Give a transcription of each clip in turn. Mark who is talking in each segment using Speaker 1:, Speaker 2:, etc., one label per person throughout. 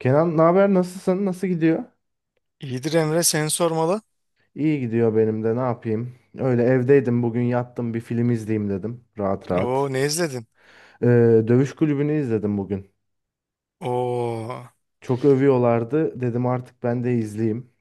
Speaker 1: Kenan, ne haber? Nasılsın? Nasıl gidiyor?
Speaker 2: İyidir Emre, seni sormalı.
Speaker 1: İyi gidiyor benim de. Ne yapayım? Öyle evdeydim bugün, yattım, bir film izleyeyim dedim. Rahat
Speaker 2: Oo,
Speaker 1: rahat.
Speaker 2: ne izledin?
Speaker 1: Ee, Dövüş Kulübü'nü izledim bugün.
Speaker 2: Oo,
Speaker 1: Çok övüyorlardı. Dedim artık ben de izleyeyim.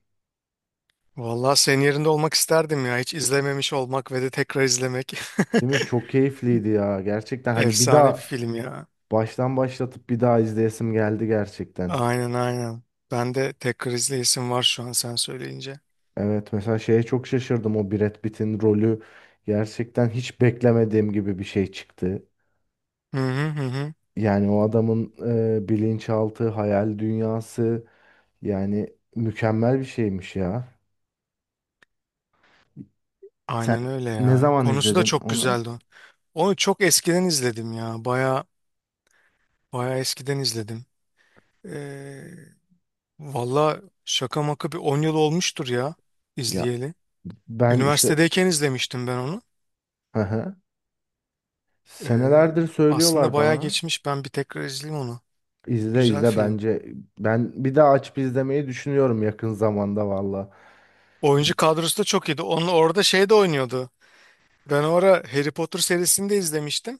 Speaker 2: vallahi senin yerinde olmak isterdim ya. Hiç izlememiş olmak ve de tekrar izlemek.
Speaker 1: Değil mi? Çok keyifliydi ya. Gerçekten hani bir
Speaker 2: Efsane bir
Speaker 1: daha
Speaker 2: film ya.
Speaker 1: baştan başlatıp bir daha izleyesim geldi gerçekten.
Speaker 2: Aynen aynen. Ben de tekrar izleyesim var şu an sen söyleyince.
Speaker 1: Evet, mesela şeye çok şaşırdım. O Brad Pitt'in rolü gerçekten hiç beklemediğim gibi bir şey çıktı.
Speaker 2: Hı hı hı, hı.
Speaker 1: Yani o adamın bilinçaltı, hayal dünyası, yani mükemmel bir şeymiş ya. Sen
Speaker 2: Aynen öyle
Speaker 1: ne
Speaker 2: ya.
Speaker 1: zaman
Speaker 2: Konusu da
Speaker 1: izledin
Speaker 2: çok
Speaker 1: onu?
Speaker 2: güzeldi onun. Onu çok eskiden izledim ya. Baya baya eskiden izledim. Ee, Valla şaka maka bir 10 yıl olmuştur ya
Speaker 1: Ya
Speaker 2: izleyeli.
Speaker 1: ben işte,
Speaker 2: Üniversitedeyken izlemiştim ben onu.
Speaker 1: hı hı,
Speaker 2: Ee,
Speaker 1: senelerdir
Speaker 2: Aslında
Speaker 1: söylüyorlar
Speaker 2: bayağı
Speaker 1: bana.
Speaker 2: geçmiş. Ben bir tekrar izleyeyim onu.
Speaker 1: İzle
Speaker 2: Güzel
Speaker 1: izle
Speaker 2: film.
Speaker 1: bence. Ben bir daha açıp izlemeyi düşünüyorum yakın zamanda valla.
Speaker 2: Oyuncu kadrosu da çok iyiydi. Onun orada şey de oynuyordu. Ben o ara Harry Potter serisini de izlemiştim.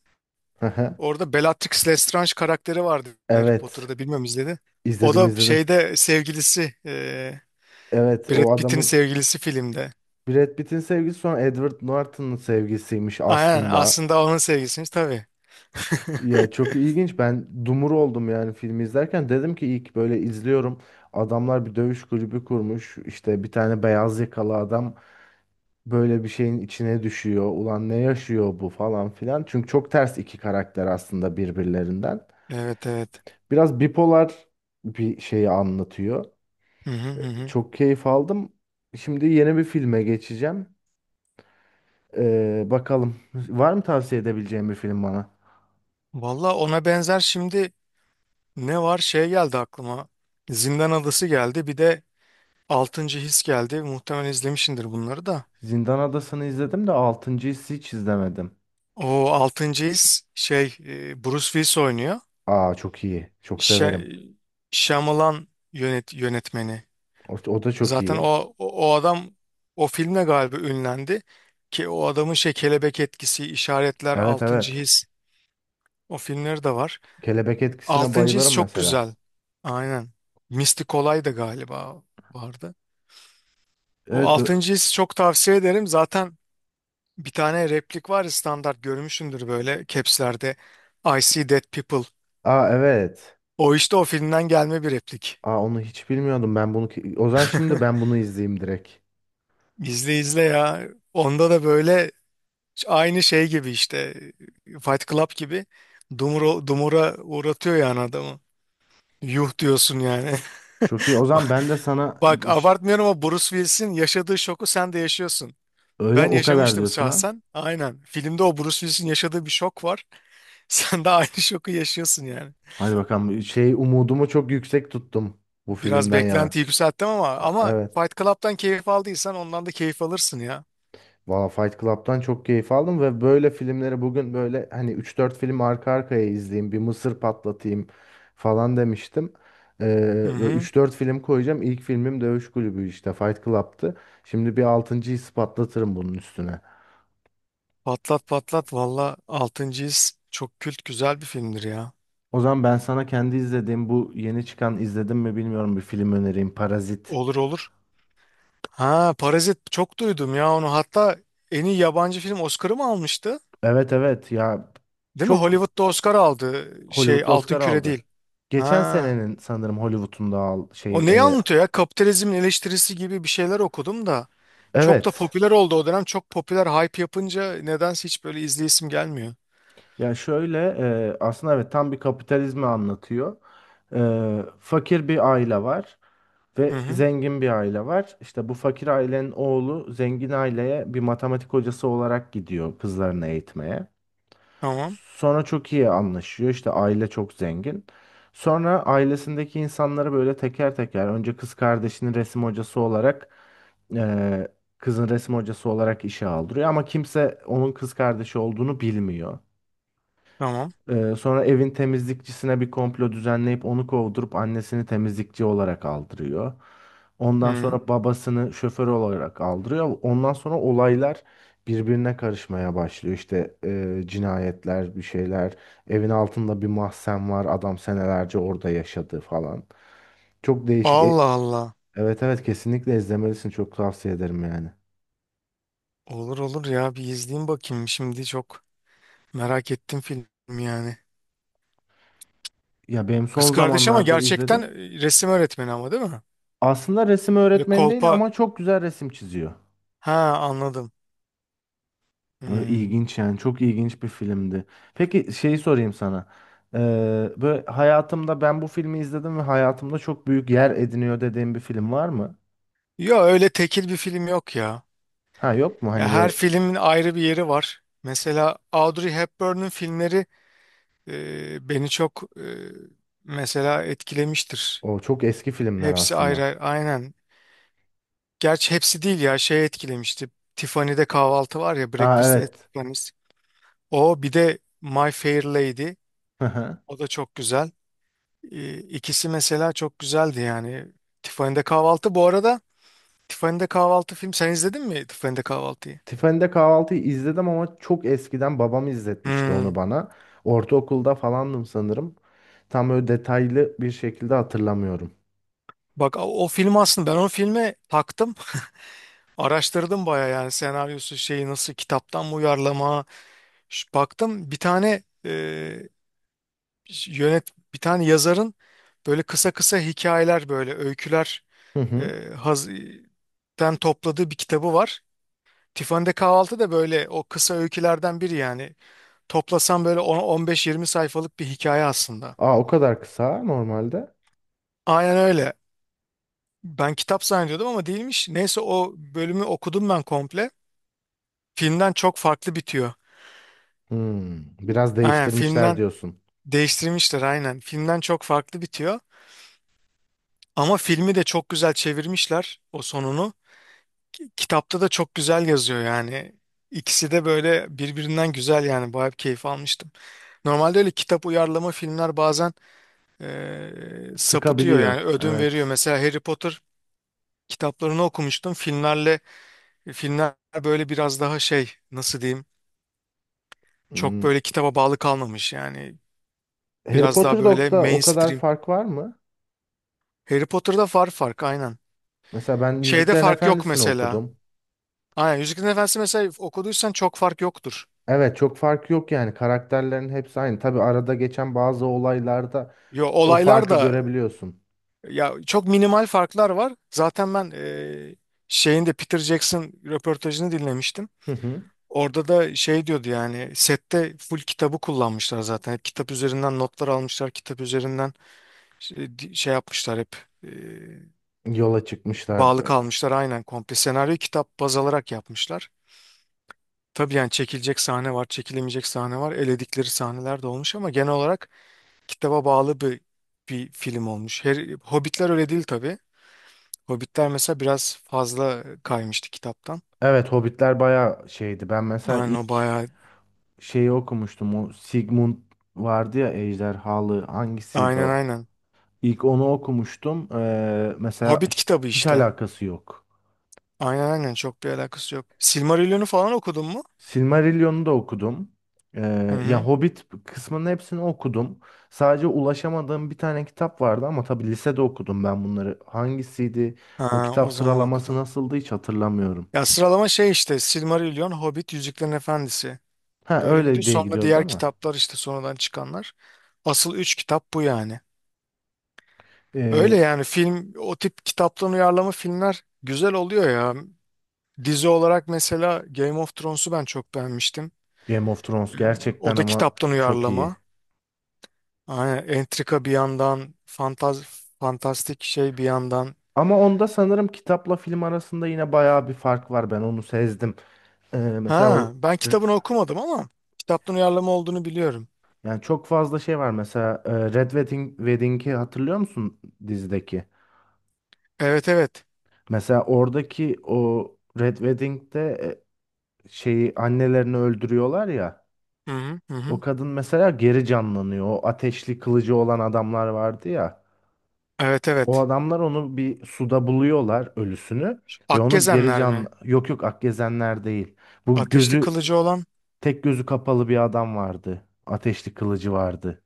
Speaker 1: Hı hı.
Speaker 2: Orada Bellatrix Lestrange karakteri vardı. Harry
Speaker 1: Evet.
Speaker 2: Potter'da bilmem izledi. O
Speaker 1: izledim
Speaker 2: da
Speaker 1: izledim.
Speaker 2: şeyde sevgilisi,
Speaker 1: Evet,
Speaker 2: Brad
Speaker 1: o
Speaker 2: Pitt'in
Speaker 1: adamın,
Speaker 2: sevgilisi filmde.
Speaker 1: Brad Pitt'in sevgisi sonra Edward Norton'un sevgisiymiş
Speaker 2: Aynen,
Speaker 1: aslında.
Speaker 2: aslında onun sevgilisiymiş tabii.
Speaker 1: Ya çok ilginç. Ben dumur oldum yani filmi izlerken. Dedim ki ilk böyle izliyorum. Adamlar bir dövüş kulübü kurmuş. İşte bir tane beyaz yakalı adam böyle bir şeyin içine düşüyor. Ulan ne yaşıyor bu falan filan. Çünkü çok ters iki karakter aslında birbirlerinden.
Speaker 2: Evet evet.
Speaker 1: Biraz bipolar bir şeyi anlatıyor.
Speaker 2: Hı hı hı, hı.
Speaker 1: Çok keyif aldım. Şimdi yeni bir filme geçeceğim. Bakalım. Var mı tavsiye edebileceğim bir film bana?
Speaker 2: Valla ona benzer şimdi ne var şey geldi aklıma. Zindan Adası geldi. Bir de Altıncı His geldi. Muhtemelen izlemişsindir bunları da.
Speaker 1: Zindan Adası'nı izledim de 6.'yı.'yı hiç izlemedim.
Speaker 2: O Altıncı His şey, Bruce Willis oynuyor.
Speaker 1: Aa çok iyi. Çok
Speaker 2: Şe
Speaker 1: severim.
Speaker 2: Shyamalan yönetmeni.
Speaker 1: O, o da çok
Speaker 2: Zaten
Speaker 1: iyi.
Speaker 2: o adam o filmle galiba ünlendi. Ki o adamın şey kelebek etkisi, işaretler,
Speaker 1: Evet
Speaker 2: Altıncı
Speaker 1: evet.
Speaker 2: His, o filmleri de var.
Speaker 1: Kelebek etkisine
Speaker 2: Altıncı His
Speaker 1: bayılırım
Speaker 2: çok
Speaker 1: mesela.
Speaker 2: güzel. Aynen. Mistik Olay da galiba vardı. O
Speaker 1: Evet bu.
Speaker 2: Altıncı His çok tavsiye ederim. Zaten bir tane replik var ya, standart görmüşsündür böyle capslerde. I see dead people.
Speaker 1: Aa evet.
Speaker 2: O işte o filmden gelme bir replik.
Speaker 1: Aa onu hiç bilmiyordum ben bunu. Ki- O zaman şimdi ben bunu izleyeyim direkt.
Speaker 2: İzle izle ya. Onda da böyle aynı şey gibi işte, Fight Club gibi, dumura, dumura uğratıyor yani adamı. Yuh diyorsun yani.
Speaker 1: Çok iyi. O zaman ben de sana
Speaker 2: Bak,
Speaker 1: bu ş-
Speaker 2: abartmıyorum ama Bruce Willis'in yaşadığı şoku sen de yaşıyorsun.
Speaker 1: öyle
Speaker 2: Ben
Speaker 1: o kadar
Speaker 2: yaşamıştım
Speaker 1: diyorsun ha.
Speaker 2: şahsen. Aynen. Filmde o Bruce Willis'in yaşadığı bir şok var. Sen de aynı şoku yaşıyorsun yani.
Speaker 1: Hadi bakalım, şey, umudumu çok yüksek tuttum bu
Speaker 2: Biraz
Speaker 1: filmden
Speaker 2: beklenti
Speaker 1: yana.
Speaker 2: yükselttim ama
Speaker 1: Evet.
Speaker 2: Fight Club'dan keyif aldıysan ondan da keyif alırsın ya.
Speaker 1: Valla Fight Club'tan çok keyif aldım ve böyle filmleri bugün böyle hani üç dört film arka arkaya izleyeyim, bir mısır patlatayım falan demiştim.
Speaker 2: Hı
Speaker 1: Böyle
Speaker 2: hı.
Speaker 1: üç dört film koyacağım. İlk filmim Dövüş Kulübü, işte Fight Club'tı. Şimdi bir 6.'yı.'yı patlatırım bunun üstüne.
Speaker 2: Patlat patlat, valla 6. His çok kült, güzel bir filmdir ya.
Speaker 1: O zaman ben sana kendi izlediğim bu yeni çıkan, izledim mi bilmiyorum, bir film önereyim: Parazit.
Speaker 2: Olur olur. Ha, Parazit, çok duydum ya onu. Hatta en iyi yabancı film Oscar'ı mı almıştı?
Speaker 1: Evet evet ya,
Speaker 2: Değil mi?
Speaker 1: çok
Speaker 2: Hollywood'da Oscar aldı, şey
Speaker 1: Hollywood'da
Speaker 2: Altın
Speaker 1: Oscar
Speaker 2: Küre
Speaker 1: aldı.
Speaker 2: değil.
Speaker 1: Geçen
Speaker 2: Ha.
Speaker 1: senenin sanırım Hollywood'un da al şey
Speaker 2: O neyi anlatıyor ya? Kapitalizmin eleştirisi gibi bir şeyler okudum da. Çok da
Speaker 1: evet.
Speaker 2: popüler oldu o dönem. Çok popüler hype yapınca nedense hiç böyle izleyesim gelmiyor.
Speaker 1: Ya şöyle, aslında evet, tam bir kapitalizmi anlatıyor. E, fakir bir aile var
Speaker 2: Hı
Speaker 1: ve
Speaker 2: hı.
Speaker 1: zengin bir aile var. İşte bu fakir ailenin oğlu zengin aileye bir matematik hocası olarak gidiyor kızlarını eğitmeye.
Speaker 2: Tamam.
Speaker 1: Sonra çok iyi anlaşıyor. İşte aile çok zengin. Sonra ailesindeki insanları böyle teker teker, önce kız kardeşinin resim hocası olarak, e, kızın resim hocası olarak işe aldırıyor ama kimse onun kız kardeşi olduğunu bilmiyor.
Speaker 2: Tamam.
Speaker 1: Sonra evin temizlikçisine bir komplo düzenleyip onu kovdurup annesini temizlikçi olarak aldırıyor. Ondan
Speaker 2: Hı.
Speaker 1: sonra babasını şoför olarak aldırıyor. Ondan sonra olaylar birbirine karışmaya başlıyor. İşte cinayetler, bir şeyler. Evin altında bir mahzen var. Adam senelerce orada yaşadı falan. Çok değişik.
Speaker 2: Allah Allah.
Speaker 1: Evet evet, kesinlikle izlemelisin. Çok tavsiye ederim yani.
Speaker 2: Olur olur ya, bir izleyeyim bakayım. Şimdi çok merak ettim film yani.
Speaker 1: Ya benim
Speaker 2: Kız
Speaker 1: son
Speaker 2: kardeş ama
Speaker 1: zamanlarda
Speaker 2: gerçekten,
Speaker 1: izledim.
Speaker 2: resim öğretmeni ama, değil mi?
Speaker 1: Aslında resim
Speaker 2: Böyle
Speaker 1: öğretmeni değil
Speaker 2: kolpa.
Speaker 1: ama çok güzel resim çiziyor.
Speaker 2: Ha, anladım.
Speaker 1: Ö,
Speaker 2: Hmm.
Speaker 1: İlginç yani çok ilginç bir filmdi. Peki şeyi sorayım sana. Ee, böyle hayatımda ben bu filmi izledim ve hayatımda çok büyük yer ediniyor dediğim bir film var mı?
Speaker 2: Ya, öyle tekil bir film yok ya.
Speaker 1: Ha, yok mu?
Speaker 2: Ya
Speaker 1: Hani
Speaker 2: her
Speaker 1: böyle
Speaker 2: filmin ayrı bir yeri var. Mesela Audrey Hepburn'un filmleri, beni çok, mesela etkilemiştir.
Speaker 1: o çok eski filmler
Speaker 2: Hepsi ayrı,
Speaker 1: aslında.
Speaker 2: ayrı. Aynen. Gerçi hepsi değil ya, şey etkilemişti. Tiffany'de Kahvaltı var ya,
Speaker 1: Aa
Speaker 2: Breakfast at
Speaker 1: evet.
Speaker 2: Tiffany's. O bir de My Fair Lady.
Speaker 1: Hı hı.
Speaker 2: O da çok güzel. İkisi mesela çok güzeldi yani. Tiffany'de Kahvaltı bu arada, Tiffany'de Kahvaltı film, sen izledin mi Tiffany'de Kahvaltı'yı?
Speaker 1: Tiffany'de Kahvaltı'yı izledim ama çok eskiden babam izletmişti onu
Speaker 2: Hmm.
Speaker 1: bana. Ortaokulda falandım sanırım. Tam böyle detaylı bir şekilde hatırlamıyorum.
Speaker 2: Bak, o film, aslında ben o filme taktım. Araştırdım baya, yani senaryosu şeyi nasıl, kitaptan mı uyarlama. Baktım, bir tane yönet bir tane yazarın böyle kısa kısa hikayeler, böyle öyküler,
Speaker 1: Hı
Speaker 2: e,
Speaker 1: hı.
Speaker 2: haz- den topladığı bir kitabı var. Tiffany'de Kahvaltı da böyle o kısa öykülerden biri yani. Toplasam böyle 10-15-20 sayfalık bir hikaye aslında.
Speaker 1: Aa, o kadar kısa normalde.
Speaker 2: Aynen öyle. Ben kitap zannediyordum ama değilmiş. Neyse, o bölümü okudum ben komple. Filmden çok farklı bitiyor.
Speaker 1: Hmm, biraz
Speaker 2: Aynen
Speaker 1: değiştirmişler
Speaker 2: filmden
Speaker 1: diyorsun.
Speaker 2: değiştirmişler aynen. Filmden çok farklı bitiyor. Ama filmi de çok güzel çevirmişler o sonunu. Kitapta da çok güzel yazıyor yani. İkisi de böyle birbirinden güzel yani. Bayağı bir keyif almıştım. Normalde öyle kitap uyarlama filmler bazen sapıtıyor
Speaker 1: Sıkabiliyor.
Speaker 2: yani, ödün veriyor.
Speaker 1: Evet.
Speaker 2: Mesela Harry Potter kitaplarını okumuştum. Filmler böyle biraz daha şey, nasıl diyeyim, çok
Speaker 1: Hmm.
Speaker 2: böyle kitaba bağlı kalmamış yani.
Speaker 1: Harry
Speaker 2: Biraz daha
Speaker 1: Potter
Speaker 2: böyle
Speaker 1: Dog'da o kadar
Speaker 2: mainstream.
Speaker 1: fark var mı?
Speaker 2: Harry Potter'da var fark, aynen.
Speaker 1: Mesela ben
Speaker 2: Şeyde
Speaker 1: Yüzüklerin
Speaker 2: fark yok
Speaker 1: Efendisi'ni
Speaker 2: mesela.
Speaker 1: okudum.
Speaker 2: Aynen, Yüzüklerin Efendisi mesela, okuduysan çok fark yoktur.
Speaker 1: Evet çok fark yok yani, karakterlerin hepsi aynı. Tabii arada geçen bazı olaylarda
Speaker 2: Yo,
Speaker 1: o
Speaker 2: olaylar
Speaker 1: farkı
Speaker 2: da.
Speaker 1: görebiliyorsun.
Speaker 2: Ya, çok minimal farklar var. Zaten ben, şeyinde Peter Jackson röportajını dinlemiştim.
Speaker 1: Hı hı.
Speaker 2: Orada da şey diyordu yani, sette full kitabı kullanmışlar zaten. Hep kitap üzerinden notlar almışlar. Kitap üzerinden şey, şey yapmışlar hep. e,
Speaker 1: Yola çıkmışlar.
Speaker 2: Bağlı kalmışlar aynen komple. Senaryo kitap baz alarak yapmışlar. Tabii yani çekilecek sahne var, çekilemeyecek sahne var. Eledikleri sahneler de olmuş ama genel olarak kitaba bağlı bir film olmuş. Hobbitler öyle değil tabii. Hobbitler mesela biraz fazla kaymıştı kitaptan.
Speaker 1: Evet, Hobbitler bayağı şeydi. Ben mesela
Speaker 2: Aynen, o
Speaker 1: ilk
Speaker 2: bayağı.
Speaker 1: şeyi okumuştum. O Sigmund vardı ya, ejderhalı, hangisiydi
Speaker 2: Aynen
Speaker 1: o?
Speaker 2: aynen.
Speaker 1: İlk onu okumuştum. Mesela
Speaker 2: Hobbit kitabı
Speaker 1: hiç
Speaker 2: işte.
Speaker 1: alakası yok.
Speaker 2: Aynen aynen, çok bir alakası yok. Silmarillion'u falan okudun mu?
Speaker 1: Silmarillion'u da okudum.
Speaker 2: Hı
Speaker 1: Ya
Speaker 2: hı.
Speaker 1: Hobbit kısmının hepsini okudum. Sadece ulaşamadığım bir tane kitap vardı ama tabii lisede okudum ben bunları. Hangisiydi? O
Speaker 2: Ha, o
Speaker 1: kitap
Speaker 2: zaman
Speaker 1: sıralaması
Speaker 2: okudun.
Speaker 1: nasıldı hiç hatırlamıyorum.
Speaker 2: Ya, sıralama şey işte, Silmarillion, Hobbit, Yüzüklerin Efendisi.
Speaker 1: Ha,
Speaker 2: Böyle gidiyor.
Speaker 1: öyle diye
Speaker 2: Sonra
Speaker 1: gidiyordu
Speaker 2: diğer
Speaker 1: ama.
Speaker 2: kitaplar işte, sonradan çıkanlar. Asıl üç kitap bu yani. Öyle
Speaker 1: Ee,
Speaker 2: yani, film o tip kitaptan uyarlama filmler güzel oluyor ya. Dizi olarak mesela Game of Thrones'u ben çok beğenmiştim.
Speaker 1: Game of Thrones gerçekten
Speaker 2: O da
Speaker 1: ama
Speaker 2: kitaptan
Speaker 1: çok
Speaker 2: uyarlama.
Speaker 1: iyi.
Speaker 2: Aynen, entrika bir yandan, fantastik şey bir yandan.
Speaker 1: Ama onda sanırım kitapla film arasında yine bayağı bir fark var. Ben onu sezdim. Ee, mesela
Speaker 2: Ha,
Speaker 1: o-
Speaker 2: ben kitabını okumadım ama kitaptan uyarlama olduğunu biliyorum.
Speaker 1: yani çok fazla şey var. Mesela Red Wedding, Wedding'i hatırlıyor musun dizideki?
Speaker 2: Evet evet.
Speaker 1: Mesela oradaki o Red Wedding'de, şeyi, annelerini öldürüyorlar ya.
Speaker 2: Hı hı hı,
Speaker 1: O
Speaker 2: hı.
Speaker 1: kadın mesela geri canlanıyor. O ateşli kılıcı olan adamlar vardı ya.
Speaker 2: Evet
Speaker 1: O
Speaker 2: evet.
Speaker 1: adamlar onu bir suda buluyorlar, ölüsünü, ve onu geri
Speaker 2: Akgezenler
Speaker 1: can,
Speaker 2: mi?
Speaker 1: yok yok, Akgezenler değil. Bu
Speaker 2: Ateşli
Speaker 1: gözü,
Speaker 2: kılıcı olan.
Speaker 1: tek gözü kapalı bir adam vardı. Ateşli kılıcı vardı.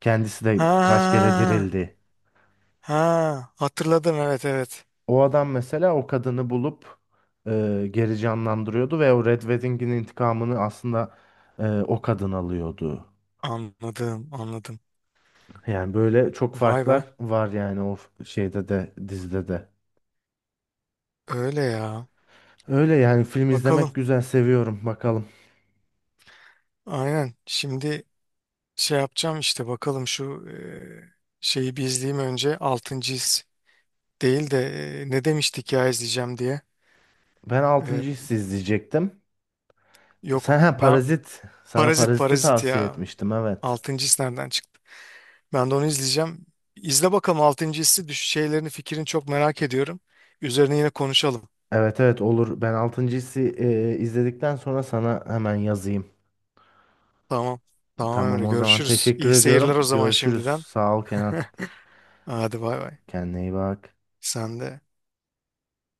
Speaker 1: Kendisi de kaç
Speaker 2: Ha,
Speaker 1: kere dirildi.
Speaker 2: ha, hatırladım, evet evet.
Speaker 1: O adam mesela o kadını bulup geri canlandırıyordu ve o Red Wedding'in intikamını aslında o kadın alıyordu.
Speaker 2: Anladım anladım.
Speaker 1: Yani böyle çok
Speaker 2: Vay be.
Speaker 1: farklar var yani, o şeyde de, dizide de.
Speaker 2: Öyle ya.
Speaker 1: Öyle yani, film izlemek
Speaker 2: Bakalım.
Speaker 1: güzel, seviyorum, bakalım.
Speaker 2: Aynen. Şimdi şey yapacağım işte, bakalım şu şeyi bir izleyeyim önce. Altıncı His değil de ne demiştik ya izleyeceğim diye.
Speaker 1: Ben
Speaker 2: Eee,
Speaker 1: 6. Hissi izleyecektim.
Speaker 2: yok,
Speaker 1: Sen ha,
Speaker 2: ben
Speaker 1: Parazit. Sana
Speaker 2: Parazit
Speaker 1: Parazit'i
Speaker 2: Parazit
Speaker 1: tavsiye
Speaker 2: ya.
Speaker 1: etmiştim, evet.
Speaker 2: Altıncı His nereden çıktı? Ben de onu izleyeceğim. İzle bakalım Altıncı Hissi, şeylerini, fikrini çok merak ediyorum. Üzerine yine konuşalım.
Speaker 1: Evet evet, olur. Ben 6. Hissi izledikten sonra sana hemen yazayım.
Speaker 2: Tamam. Tamam,
Speaker 1: Tamam,
Speaker 2: öyle
Speaker 1: o zaman
Speaker 2: görüşürüz.
Speaker 1: teşekkür
Speaker 2: İyi seyirler
Speaker 1: ediyorum.
Speaker 2: o zaman
Speaker 1: Görüşürüz.
Speaker 2: şimdiden.
Speaker 1: Sağ ol Kenan.
Speaker 2: Hadi bay bay.
Speaker 1: Kendine iyi bak.
Speaker 2: Sen de.